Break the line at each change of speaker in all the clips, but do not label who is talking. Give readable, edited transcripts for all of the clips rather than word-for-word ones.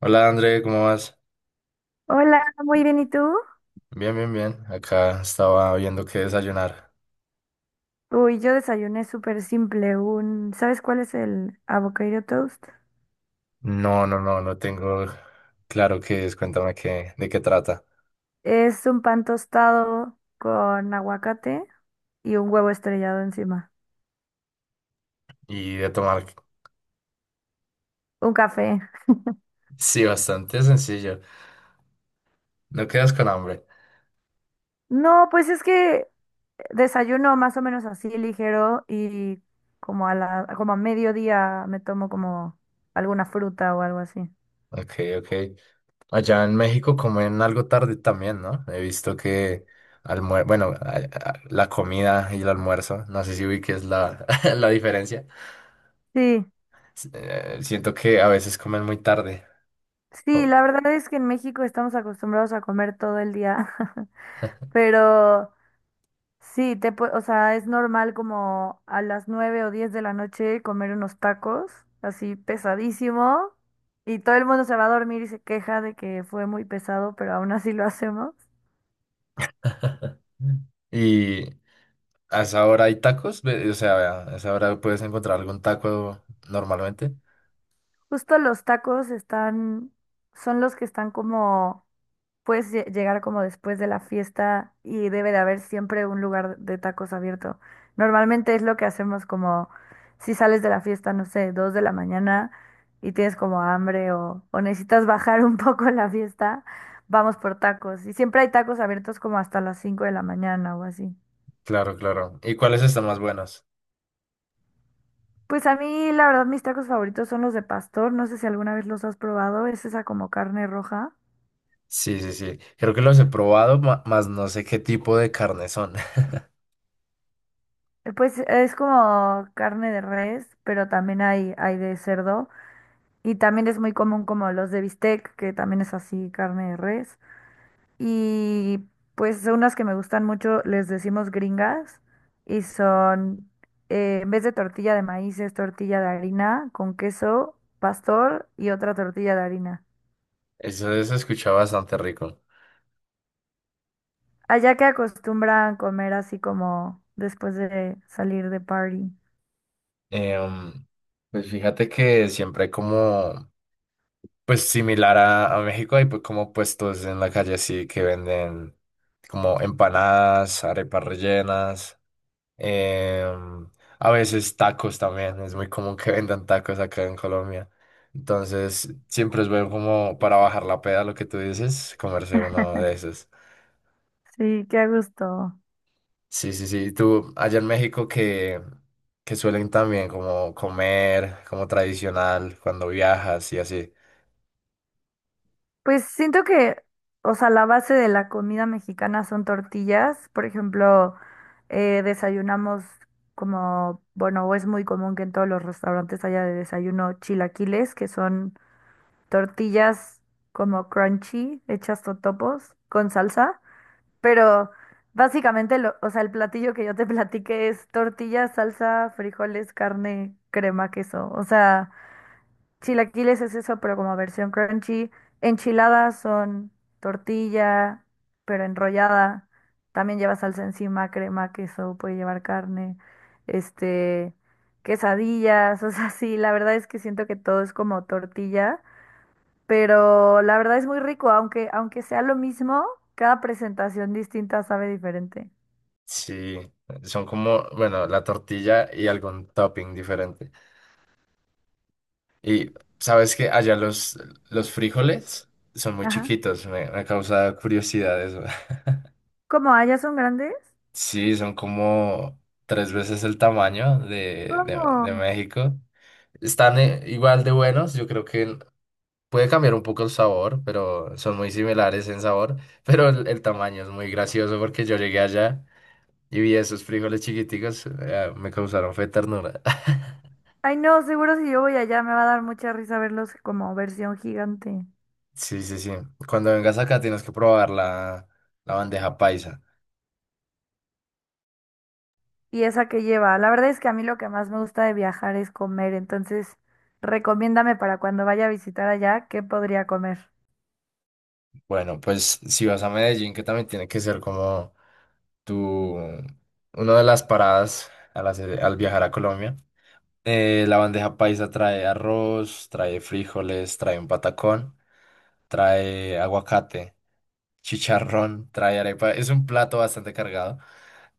Hola André, ¿cómo vas?
Hola, muy bien, ¿y tú?
Bien, bien, bien. Acá estaba viendo qué desayunar.
Uy, yo desayuné súper simple, un, ¿sabes cuál es el avocado toast?
No, no, no, no tengo claro qué es. Cuéntame de qué trata.
Es un pan tostado con aguacate y un huevo estrellado encima,
Y de tomar.
un café.
Sí, bastante sencillo. No quedas con hambre.
No, pues es que desayuno más o menos así ligero y como a mediodía me tomo como alguna fruta o algo así.
Ok, ok. Allá en México comen algo tarde también, ¿no? He visto que almuer... bueno, la comida y el almuerzo, no sé si vi que es la diferencia.
Sí,
Siento que a veces comen muy tarde.
sí,
Oh.
la verdad es que en México estamos acostumbrados a comer todo el día, pero o sea, es normal como a las 9 o 10 de la noche comer unos tacos, así pesadísimo, y todo el mundo se va a dormir y se queja de que fue muy pesado, pero aún así lo hacemos.
Y ¿a esa hora hay tacos? O sea, a esa hora puedes encontrar algún taco normalmente.
Justo los tacos están, son los que están como Puedes llegar como después de la fiesta y debe de haber siempre un lugar de tacos abierto. Normalmente es lo que hacemos como si sales de la fiesta, no sé, 2 de la mañana y tienes como hambre o necesitas bajar un poco la fiesta, vamos por tacos. Y siempre hay tacos abiertos como hasta las 5 de la mañana o así.
Claro, claro. ¿Y cuáles están más buenos?
Pues a mí la verdad mis tacos favoritos son los de pastor, no sé si alguna vez los has probado, es esa como carne roja.
Sí, sí, sí. Creo que los he probado, más no sé qué tipo de carne son.
Pues es como carne de res, pero también hay de cerdo. Y también es muy común como los de bistec, que también es así, carne de res. Y pues son unas que me gustan mucho, les decimos gringas, y son, en vez de tortilla de maíz, es tortilla de harina con queso, pastor y otra tortilla de harina.
Eso se escucha bastante rico.
Allá que acostumbran comer así como después de salir de party.
Em, pues fíjate que siempre hay pues similar a México, hay como puestos en la calle así que venden como empanadas, arepas rellenas. Em, a veces tacos también, es muy común que vendan tacos acá en Colombia. Entonces, siempre es bueno como para bajar la peda, lo que tú dices, comerse uno de esos.
Sí, qué a gusto.
Sí, sí, sí. Allá en México que suelen también como comer, como tradicional, cuando viajas y así.
Pues siento que, o sea, la base de la comida mexicana son tortillas. Por ejemplo, desayunamos bueno, o es muy común que en todos los restaurantes haya de desayuno chilaquiles, que son tortillas como crunchy, hechas totopos, con salsa. Pero básicamente, o sea, el platillo que yo te platiqué es tortillas, salsa, frijoles, carne, crema, queso. O sea... Chilaquiles es eso, pero como versión crunchy. Enchiladas son tortilla, pero enrollada. También lleva salsa encima, crema, queso, puede llevar carne, este, quesadillas, o sea, sí, la verdad es que siento que todo es como tortilla, pero la verdad es muy rico, aunque sea lo mismo, cada presentación distinta sabe diferente.
Sí, son como, bueno, la tortilla y algún topping diferente. Y sabes que allá los frijoles son muy
Ajá.
chiquitos, me causa curiosidad eso.
¿Cómo? ¿Allá son grandes?
Sí, son como tres veces el tamaño
¿Cómo?
de México. Están igual de buenos, yo creo que puede cambiar un poco el sabor, pero son muy similares en sabor, pero el tamaño es muy gracioso porque yo llegué allá y vi esos frijoles chiquiticos, me causaron fe ternura.
Ay, no, seguro si yo voy allá me va a dar mucha risa verlos como versión gigante.
Sí, sí, sí. Cuando vengas acá tienes que probar la bandeja paisa.
¿Y esa que lleva? La verdad es que a mí lo que más me gusta de viajar es comer, entonces recomiéndame para cuando vaya a visitar allá, ¿qué podría comer?
Bueno, pues si vas a Medellín, que también tiene que ser como tu, una de las paradas al viajar a Colombia. La bandeja paisa trae arroz, trae frijoles, trae un patacón, trae aguacate, chicharrón, trae arepa. Es un plato bastante cargado.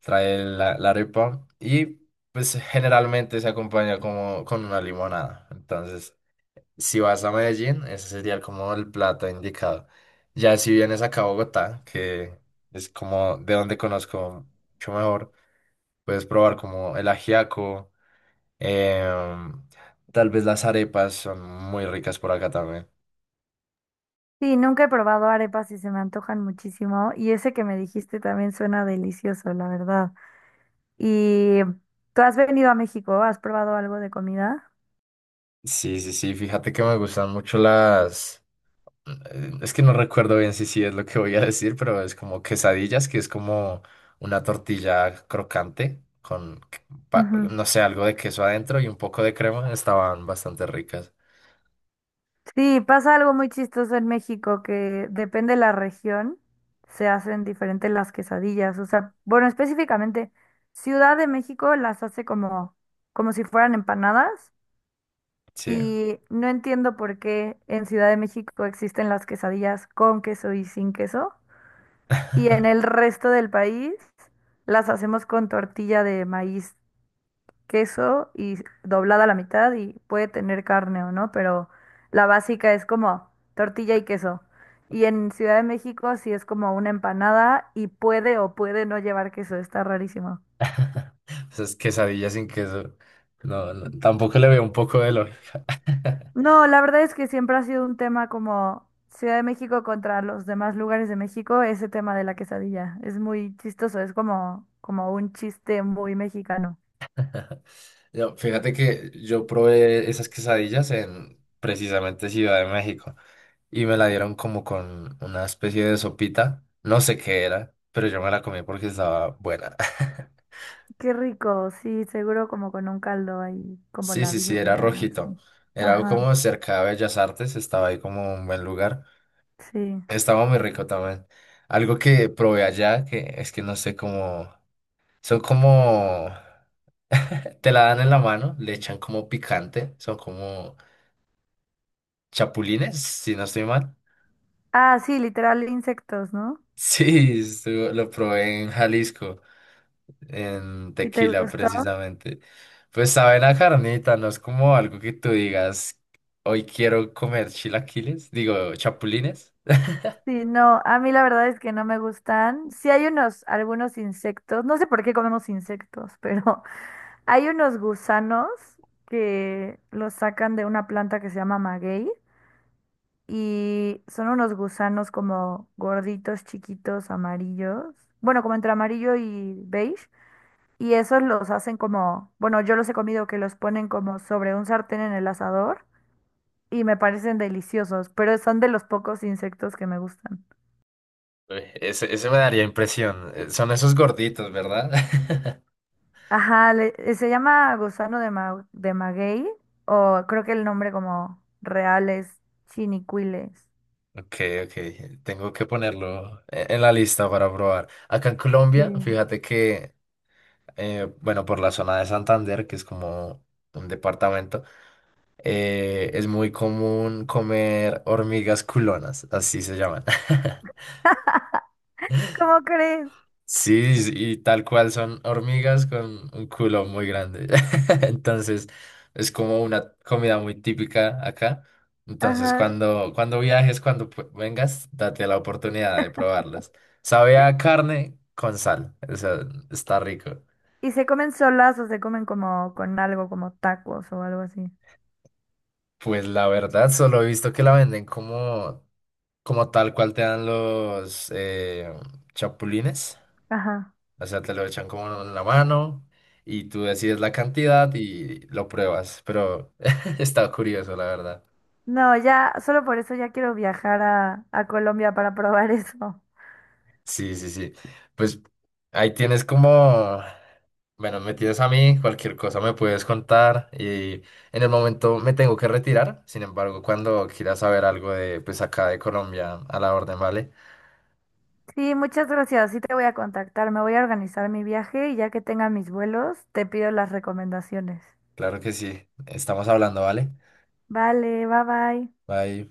Trae la arepa y pues generalmente se acompaña como con una limonada. Entonces, si vas a Medellín, ese sería como el plato indicado. Ya si vienes acá a Bogotá, que es como de donde conozco mucho mejor. Puedes probar como el ajiaco, em, tal vez las arepas son muy ricas por acá también.
Sí, nunca he probado arepas y se me antojan muchísimo y ese que me dijiste también suena delicioso, la verdad. ¿Y tú has venido a México? ¿Has probado algo de comida?
Sí, sí, sí, fíjate que me gustan mucho las... Es que no recuerdo bien si sí es lo que voy a decir, pero es como quesadillas, que es como una tortilla crocante
Ujú.
no sé, algo de queso adentro y un poco de crema. Estaban bastante ricas.
Sí, pasa algo muy chistoso en México que depende de la región, se hacen diferentes las quesadillas. O sea, bueno, específicamente Ciudad de México las hace como si fueran empanadas
Sí,
y no entiendo por qué en Ciudad de México existen las quesadillas con queso y sin queso y en el resto del país las hacemos con tortilla de maíz queso y doblada a la mitad y puede tener carne o no, pero la básica es como tortilla y queso. Y en Ciudad de México sí es como una empanada y puede o puede no llevar queso, está rarísimo.
esas quesadillas sin queso. No, no, tampoco le veo un poco de lógica.
No, la verdad es que siempre ha sido un tema como Ciudad de México contra los demás lugares de México, ese tema de la quesadilla. Es muy chistoso, es como un chiste muy mexicano.
Fíjate que yo probé esas quesadillas en precisamente Ciudad de México y me la dieron como con una especie de sopita. No sé qué era, pero yo me la comí porque estaba buena.
Qué rico, sí, seguro como con un caldo ahí, como
Sí,
la
sí, sí, era
birria o
rojito.
así.
Era algo
Ajá,
como cerca de Bellas Artes, estaba ahí como un buen lugar.
sí.
Estaba muy rico también. Algo que probé allá, que es que no sé cómo... Son como... Te la dan en la mano, le echan como picante, son como chapulines, si no estoy mal.
Ah, sí, literal insectos, ¿no?
Sí, lo probé en Jalisco, en
¿Y te
Tequila
gustó?
precisamente. Pues sabe la carnita, no es como algo que tú digas, hoy quiero comer chilaquiles, digo, chapulines.
Sí, no, a mí la verdad es que no me gustan. Sí hay unos, algunos insectos, no sé por qué comemos insectos, pero hay unos gusanos que los sacan de una planta que se llama maguey y son unos gusanos como gorditos, chiquitos, amarillos, bueno, como entre amarillo y beige. Y esos los hacen como, bueno, yo los he comido que los ponen como sobre un sartén en el asador y me parecen deliciosos, pero son de los pocos insectos que me gustan.
Uy, ese me daría impresión. Son esos gorditos, ¿verdad?
Ajá, se llama gusano de, de maguey, o creo que el nombre como real es chinicuiles.
Ok, ok, tengo que ponerlo en la lista para probar. Acá en Colombia,
Sí.
bueno, por la zona de Santander, que es como un departamento, es muy común comer hormigas culonas, así se llaman.
¿Cómo crees?
Sí, sí, y tal cual son hormigas con un culo muy grande. Entonces, es como una comida muy típica acá. Entonces,
Ajá.
cuando viajes, vengas, date la oportunidad de probarlas. Sabe a carne con sal, o sea, está rico.
Y se comen solas o se comen como con algo, como tacos o algo así.
Pues la verdad, solo he visto que la venden como tal cual te dan los chapulines.
Ajá.
O sea, te lo echan como en la mano y tú decides la cantidad y lo pruebas. Pero está curioso, la verdad.
No, ya, solo por eso ya quiero viajar a Colombia para probar eso.
Sí, sí, sí. Pues ahí tienes como, bueno, me tienes a mí, cualquier cosa me puedes contar y en el momento me tengo que retirar. Sin embargo, cuando quieras saber algo de, pues acá de Colombia, a la orden, ¿vale?
Sí, muchas gracias. Sí te voy a contactar. Me voy a organizar mi viaje y ya que tenga mis vuelos, te pido las recomendaciones.
Claro que sí. Estamos hablando, ¿vale?
Vale, bye bye.
Bye.